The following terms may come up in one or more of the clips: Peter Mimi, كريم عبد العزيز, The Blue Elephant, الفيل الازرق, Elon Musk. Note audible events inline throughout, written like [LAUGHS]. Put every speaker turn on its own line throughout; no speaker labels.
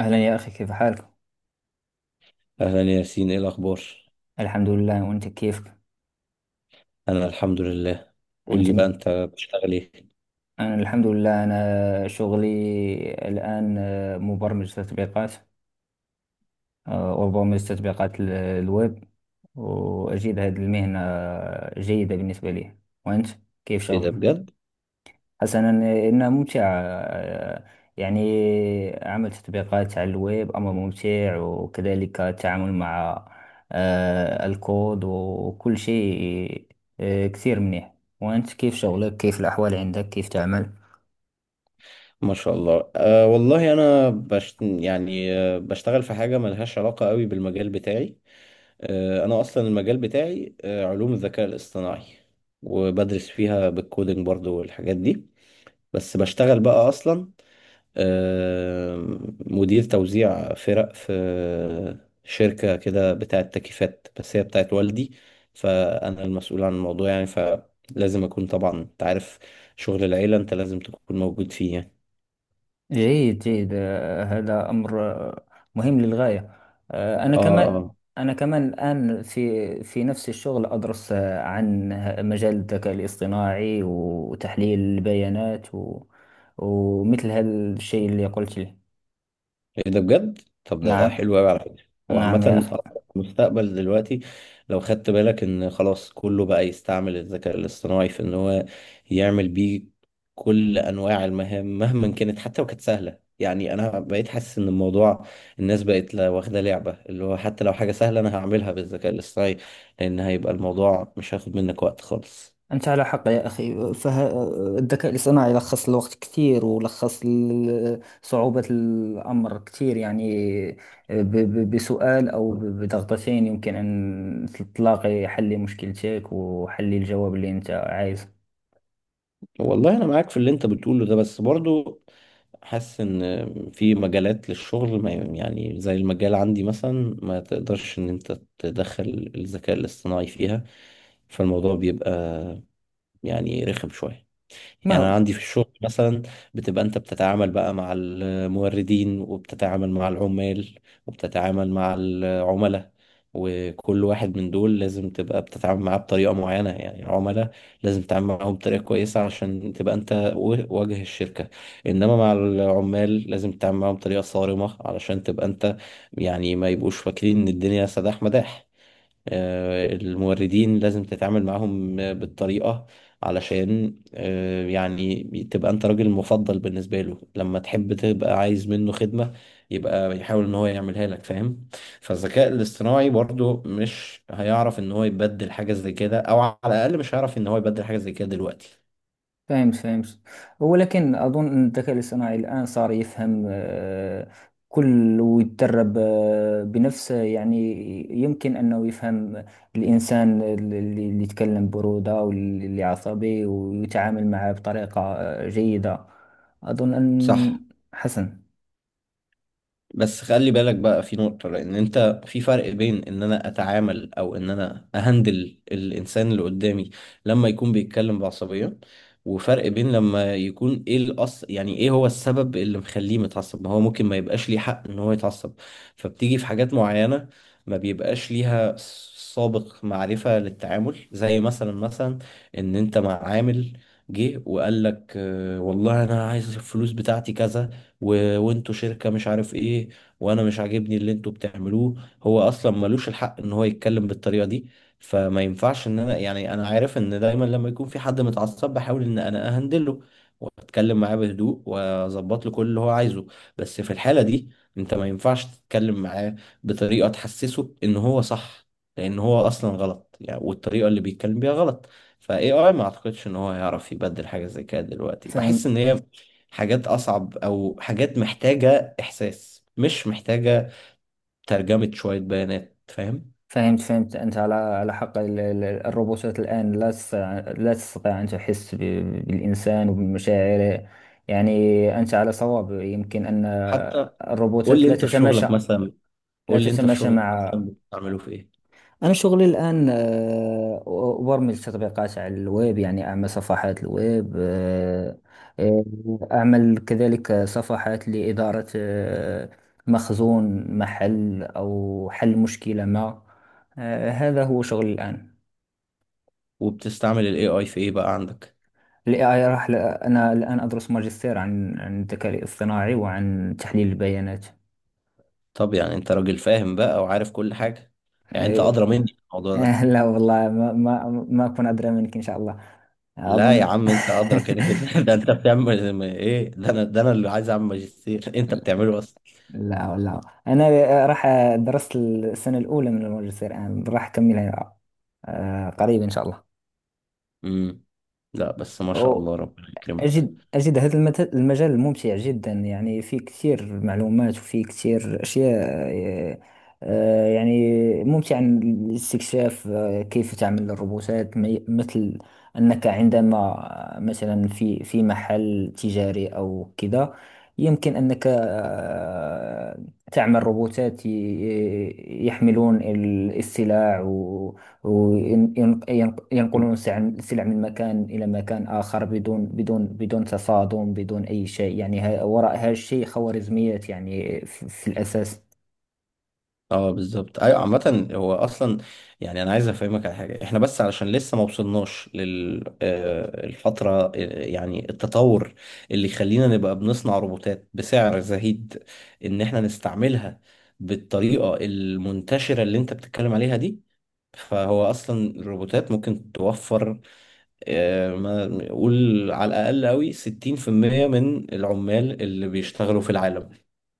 أهلا يا أخي، كيف حالك؟
أهلا ياسين إيه الأخبار؟
الحمد لله، وأنت كيفك؟
أنا الحمد لله. قول
أنت
لي بقى أنت بتشتغل إيه؟
أنا الحمد لله. أنا شغلي الآن مبرمج تطبيقات. وبرمج تطبيقات الويب، وأجد هذه المهنة جيدة بالنسبة لي. وأنت كيف
إيه ده
شغلك؟
بجد؟
حسنا، إنه ممتع. يعني عمل تطبيقات على الويب أمر ممتع، وكذلك التعامل مع الكود وكل شيء. كثير منيح. وأنت كيف شغلك، كيف الأحوال عندك، كيف تعمل؟
ما شاء الله. أه والله أنا بشتغل في حاجة ملهاش علاقة قوي بالمجال بتاعي. أه أنا أصلا المجال بتاعي أه علوم الذكاء الاصطناعي، وبدرس فيها بالكودينج برضو والحاجات دي، بس بشتغل بقى أصلا مدير توزيع فرق في شركة كده بتاعت تكييفات، بس هي بتاعت والدي، فأنا المسؤول عن الموضوع يعني، فلازم أكون طبعا أنت عارف شغل العيلة أنت لازم تكون موجود فيه يعني.
جيد جيد، هذا أمر مهم للغاية. أنا
آه،
كمان.
آه،
الآن في نفس الشغل، أدرس عن مجال الذكاء الاصطناعي وتحليل البيانات، ومثل هذا الشيء اللي قلت لي.
ايه ده بجد؟ طب ده
نعم،
حلو قوي على فكره. هو عامه
نعم يا
أصلاً
أخي.
المستقبل دلوقتي، لو خدت بالك ان خلاص كله بقى يستعمل الذكاء الاصطناعي في ان هو يعمل بيه كل انواع المهام مهما كانت، حتى لو كانت سهله. يعني انا بقيت حاسس ان الموضوع الناس بقت واخده لعبه اللي هو حتى لو حاجه سهله انا هعملها بالذكاء الاصطناعي، لان هيبقى الموضوع مش هياخد منك وقت خالص.
أنت على حق يا أخي، فالذكاء الاصطناعي لخص الوقت كثير، ولخص صعوبة الأمر كثير. يعني بسؤال أو بضغطتين يمكن أن تلاقي حل لمشكلتك، وحل الجواب اللي أنت عايزه.
والله انا معاك في اللي انت بتقوله ده، بس برضو حاسس ان في مجالات للشغل ما يعني، زي المجال عندي مثلا ما تقدرش ان انت تدخل الذكاء الاصطناعي فيها، فالموضوع بيبقى يعني رخم شوية.
ما
يعني
هو.
أنا عندي في الشغل مثلا، بتبقى أنت بتتعامل بقى مع الموردين، وبتتعامل مع العمال، وبتتعامل مع العملاء، وكل واحد من دول لازم تبقى بتتعامل معاه بطريقة معينة. يعني العملاء لازم تتعامل معاهم بطريقة كويسة عشان تبقى أنت وجه الشركة، إنما مع العمال لازم تتعامل معاهم بطريقة صارمة علشان تبقى أنت يعني ما يبقوش فاكرين إن الدنيا سداح مداح. الموردين لازم تتعامل معاهم بالطريقة علشان يعني تبقى انت راجل مفضل بالنسبة له، لما تحب تبقى عايز منه خدمة يبقى يحاول ان هو يعملها لك، فاهم؟ فالذكاء الاصطناعي برضو مش هيعرف ان هو يبدل حاجة زي كده، او على الاقل مش هيعرف ان هو يبدل حاجة زي كده دلوقتي.
فهمت، فهمت، ولكن أظن أن الذكاء الاصطناعي الآن صار يفهم كل، ويتدرب بنفسه. يعني يمكن أنه يفهم الإنسان اللي يتكلم برودة، واللي عصبي، ويتعامل معه بطريقة جيدة. أظن أن.
صح،
حسن.
بس خلي بالك بقى في نقطة، لأن أنت في فرق بين إن أنا أتعامل أو إن أنا أهندل الإنسان اللي قدامي لما يكون بيتكلم بعصبية، وفرق بين لما يكون إيه الأصل، يعني إيه هو السبب اللي مخليه متعصب. ما هو ممكن ما يبقاش ليه حق إن هو يتعصب، فبتيجي في حاجات معينة ما بيبقاش ليها سابق معرفة للتعامل. زي مثلا إن أنت مع عامل جه وقال لك آه، والله أنا عايز الفلوس بتاعتي كذا وانتوا شركة مش عارف ايه، وانا مش عاجبني اللي انتوا بتعملوه. هو اصلا ملوش الحق ان هو يتكلم بالطريقة دي، فما ينفعش ان انا يعني، انا عارف ان دايما لما يكون في حد متعصب بحاول ان انا اهندله واتكلم معاه بهدوء واظبط له كل اللي هو عايزه، بس في الحالة دي انت ما ينفعش تتكلم معاه بطريقة تحسسه ان هو صح، لان هو اصلا غلط يعني، والطريقة اللي بيتكلم بيها غلط. فاي اي ما اعتقدش ان هو هيعرف يبدل حاجه زي كده دلوقتي، بحس
فهمت،
ان هي حاجات أصعب، أو حاجات محتاجة إحساس، مش محتاجة ترجمة شوية بيانات، فاهم؟
فهمت، فهمت، أنت على حق. الروبوتات الآن لا تستطيع، لا تستطيع أن تحس بالإنسان وبمشاعره. يعني أنت على صواب. يمكن أن
حتى قول
الروبوتات
لي
لا
أنت في
تتماشى،
شغلك مثلا،
لا تتماشى مع...
بتستعمله في إيه؟
أنا شغلي الآن أبرمج تطبيقات على الويب، يعني أعمل صفحات الويب. آه، أعمل كذلك صفحات لإدارة مخزون محل، أو حل مشكلة ما. هذا هو شغلي الآن.
وبتستعمل ال AI في إيه بقى عندك؟
ال AI أنا الآن أدرس ماجستير عن الذكاء الاصطناعي وعن تحليل البيانات.
طب يعني أنت راجل فاهم بقى وعارف كل حاجة، يعني أنت
آه،
أدرى مني في
[LAUGHS]
الموضوع ده.
لا والله، ما أكون أدرى منك إن شاء الله.
لا يا
أظن.
عم أنت أدرى كده كده، [LAUGHS] ده أنت بتعمل إيه؟ ده أنا ده أنا اللي عايز أعمل ماجستير، [LAUGHS] أنت
[LAUGHS]
بتعمله أصلا.
لا، لا، انا راح درست السنه الاولى من الماجستير، الان راح اكملها قريب ان شاء
امم، لا بس ما شاء
الله.
الله ربنا يكرمك.
أجد هذا المجال ممتع جدا. يعني فيه كثير معلومات، وفيه كثير أشياء. يعني ممتع الاستكشاف. كيف تعمل الروبوتات. مثل أنك عندما، مثلا في محل تجاري أو كذا، يمكن أنك تعمل روبوتات يحملون السلع، وينقلون السلع من مكان إلى مكان آخر بدون بدون تصادم، بدون أي شيء. يعني وراء هذا الشيء خوارزميات، يعني في الأساس.
اه بالظبط، ايوه عامة هو اصلا يعني انا عايز افهمك على حاجة، احنا بس علشان لسه ما وصلناش للفترة يعني التطور اللي يخلينا نبقى بنصنع روبوتات بسعر زهيد ان احنا نستعملها بالطريقة المنتشرة اللي انت بتتكلم عليها دي، فهو اصلا الروبوتات ممكن توفر ما نقول على الاقل قوي 60% من العمال اللي بيشتغلوا في العالم.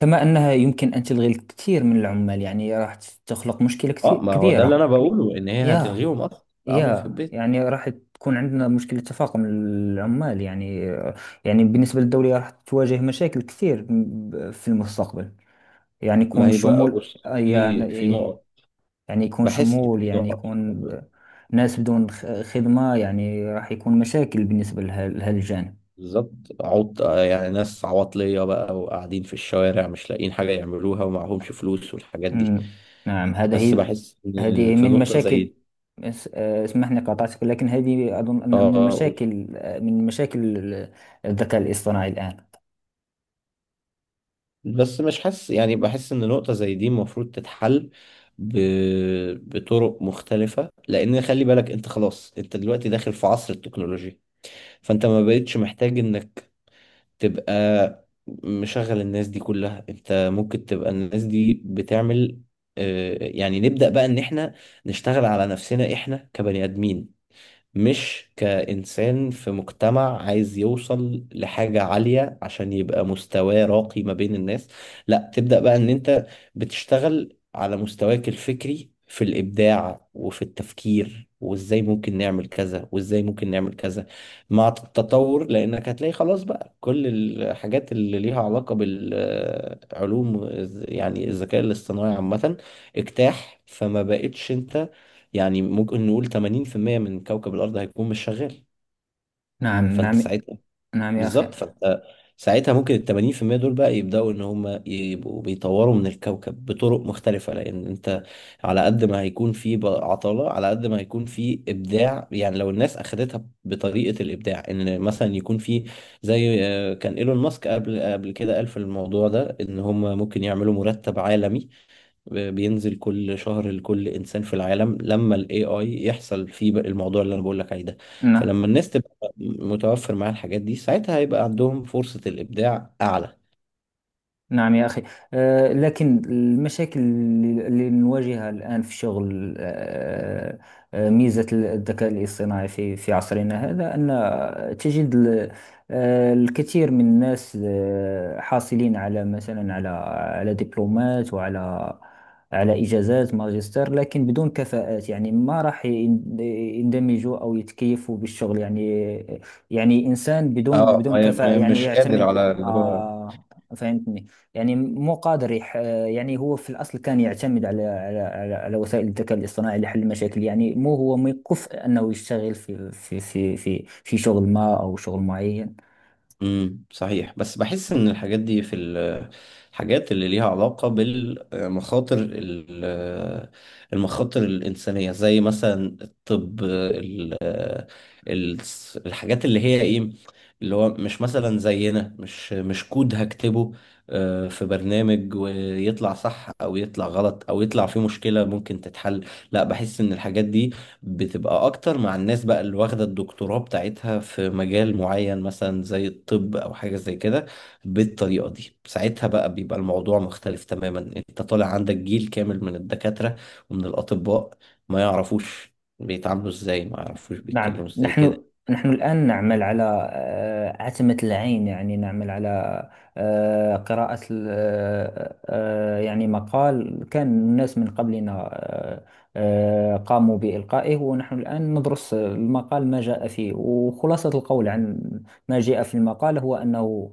كما أنها يمكن أن تلغي الكثير من العمال. يعني راح تخلق مشكلة كثير
اه ما هو ده اللي
كبيرة.
انا بقوله، ان هي
يا
هتلغيهم اصلا قعدوا في
يا
البيت.
يعني راح تكون عندنا مشكلة تفاقم العمال. يعني يعني بالنسبة للدولة راح تواجه مشاكل كثير في المستقبل. يعني
ما
يكون
هي بقى
شمول.
بص، في نقط،
يعني يكون
بحس إن
شمول،
في
يعني
نقط في الموضوع.
يكون
ده.
ناس بدون خدمة. يعني راح يكون مشاكل بالنسبة لهذا الجانب.
بالظبط، يعني ناس عواطلية بقى وقاعدين في الشوارع مش لاقيين حاجة يعملوها ومعهمش فلوس والحاجات دي.
مم. نعم، هذا
بس
هي.
بحس إن
هذه
في
من
نقطة زي
مشاكل.
دي.
اسمحني، قاطعتك، لكن هذه أظن
اه،
أن من
قول.
المشاكل، من مشاكل الذكاء الاصطناعي الآن.
بس مش حاسس، يعني بحس إن نقطة زي دي المفروض ب... بطرق مختلفة، لأن خلي بالك أنت خلاص أنت دلوقتي داخل في عصر التكنولوجيا، فأنت ما بقتش محتاج إنك تبقى مشغل الناس دي كلها. انت ممكن تبقى الناس دي بتعمل يعني نبدأ بقى ان احنا نشتغل على نفسنا احنا كبني ادمين، مش كإنسان في مجتمع عايز يوصل لحاجة عالية عشان يبقى مستواه راقي ما بين الناس. لا، تبدأ بقى ان انت بتشتغل على مستواك الفكري في الإبداع وفي التفكير، وازاي ممكن نعمل كذا وازاي ممكن نعمل كذا مع التطور، لانك هتلاقي خلاص بقى كل الحاجات اللي ليها علاقة بالعلوم، يعني الذكاء الاصطناعي عامة اجتاح، فما بقتش انت يعني، ممكن نقول 80% من كوكب الأرض هيكون مش شغال.
نعم،
فأنت
نعم،
ساعتها
نعم يا أخي.
بالظبط، فأنت ساعتها ممكن ال 80% دول بقى يبدأوا إن هم يبقوا بيطوروا من الكوكب بطرق مختلفة، لأن أنت على قد ما هيكون في بقى عطالة على قد ما هيكون في إبداع. يعني لو الناس أخدتها بطريقة الإبداع، إن مثلا يكون في زي كان إيلون ماسك قبل كده قال في الموضوع ده، إن هم ممكن يعملوا مرتب عالمي بينزل كل شهر لكل انسان في العالم لما الاي اي يحصل فيه بقى الموضوع اللي انا بقول لك عليه ده.
نعم،
فلما الناس تبقى متوفر معاها الحاجات دي، ساعتها هيبقى عندهم فرصة الابداع اعلى.
نعم يا أخي. لكن المشاكل اللي نواجهها الآن في شغل، ميزة الذكاء الاصطناعي في عصرنا هذا أن تجد الكثير من الناس، حاصلين على، مثلا، على على دبلومات، وعلى إجازات ماجستير، لكن بدون كفاءات. يعني ما راح يندمجوا أو يتكيفوا بالشغل. يعني يعني إنسان بدون
اه
كفاءة، يعني
مش قادر
يعتمد.
على اللي هو.
آه، فهمتني. يعني مو قادر يح... يعني هو في الأصل كان يعتمد على وسائل الذكاء الاصطناعي لحل المشاكل. يعني مو هو مكف أنه يشتغل في شغل ما أو شغل معين.
صحيح، بس بحس ان الحاجات دي في الحاجات اللي ليها علاقة بالمخاطر المخاطر الإنسانية، زي مثلا الطب ال- الحاجات اللي هي ايه، اللي هو مش مثلا زينا، مش كود هكتبه في برنامج ويطلع صح او يطلع غلط او يطلع فيه مشكلة ممكن تتحل. لا، بحس ان الحاجات دي بتبقى اكتر مع الناس بقى اللي واخده الدكتوراه بتاعتها في مجال معين، مثلا زي الطب او حاجه زي كده. بالطريقه دي ساعتها بقى بيبقى الموضوع مختلف تماما، انت طالع عندك جيل كامل من الدكاتره ومن الاطباء ما يعرفوش بيتعاملوا ازاي، ما يعرفوش
نعم.
بيتكلموا ازاي كده.
نحن الآن نعمل على عتمة العين. يعني نعمل على قراءة يعني مقال كان الناس من قبلنا قاموا بإلقائه، ونحن الآن ندرس المقال ما جاء فيه. وخلاصة القول عن ما جاء في المقال هو أنه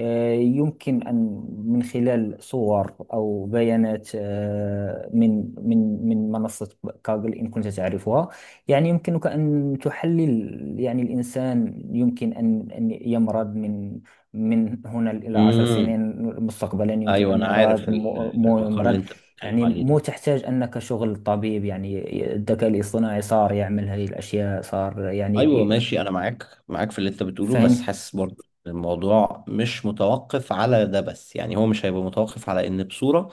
يمكن أن، من خلال صور أو بيانات من منصة كاغل، إن كنت تعرفها، يعني يمكنك أن تحلل. يعني الإنسان يمكن أن يمرض من هنا إلى عشر
امم،
سنين مستقبلا. يمكن
ايوه
أن
انا عارف
مرض، مو
المقال اللي
يمرض.
انت بتتكلم
يعني
عليه
مو
ده.
تحتاج أنك شغل طبيب. يعني الذكاء الاصطناعي صار يعمل هذه الأشياء، صار.
ايوه
يعني،
ماشي، انا معاك في اللي انت بتقوله، بس
فاهم.
حاسس برضه إن الموضوع مش متوقف على ده بس. يعني هو مش هيبقى متوقف على ان بصوره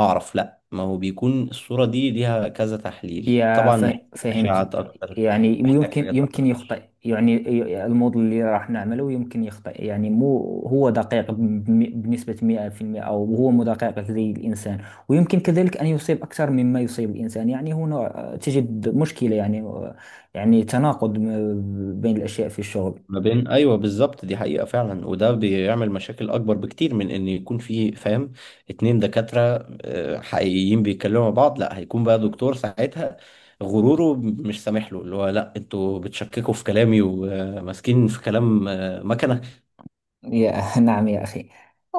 اعرف؟ لا، ما هو بيكون الصورة دي ليها كذا تحليل،
يا
طبعا محتاج
فهمت.
اشعاعات اكتر،
يعني
محتاج حاجات
يمكن
اكتر.
يخطئ، يعني الموديل اللي راح نعمله يمكن يخطئ. يعني مو هو دقيق بنسبة 100%، أو هو مو دقيق زي الإنسان، ويمكن كذلك أن يصيب أكثر مما يصيب الإنسان. يعني هنا تجد مشكلة. يعني يعني تناقض بين الأشياء في الشغل.
ما بين ايوه بالظبط، دي حقيقة فعلا، وده بيعمل مشاكل اكبر بكتير من ان يكون في، فاهم، اتنين دكاترة حقيقيين بيتكلموا مع بعض. لا، هيكون بقى دكتور ساعتها غروره مش سامح له، اللي هو لا انتوا بتشككوا في كلامي وماسكين في كلام مكنة.
يا [LAUGHS] نعم يا أخي،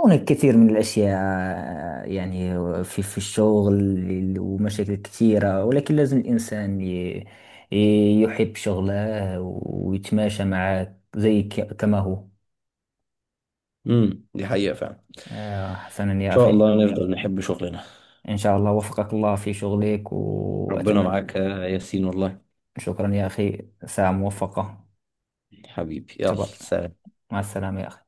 هناك كثير من الأشياء، يعني في الشغل، ومشاكل كثيرة. ولكن لازم الإنسان يحب شغله، ويتماشى معه زي كما هو.
دي حقيقة فعلا.
حسنا
ان
يا
شاء
أخي.
الله نفضل نحب شغلنا.
إن شاء الله وفقك الله في شغلك،
ربنا
وأتمنى.
معاك يا ياسين والله.
شكرا يا أخي، ساعة موفقة.
حبيبي يلا
تبا.
سلام.
مع السلامة يا أخي.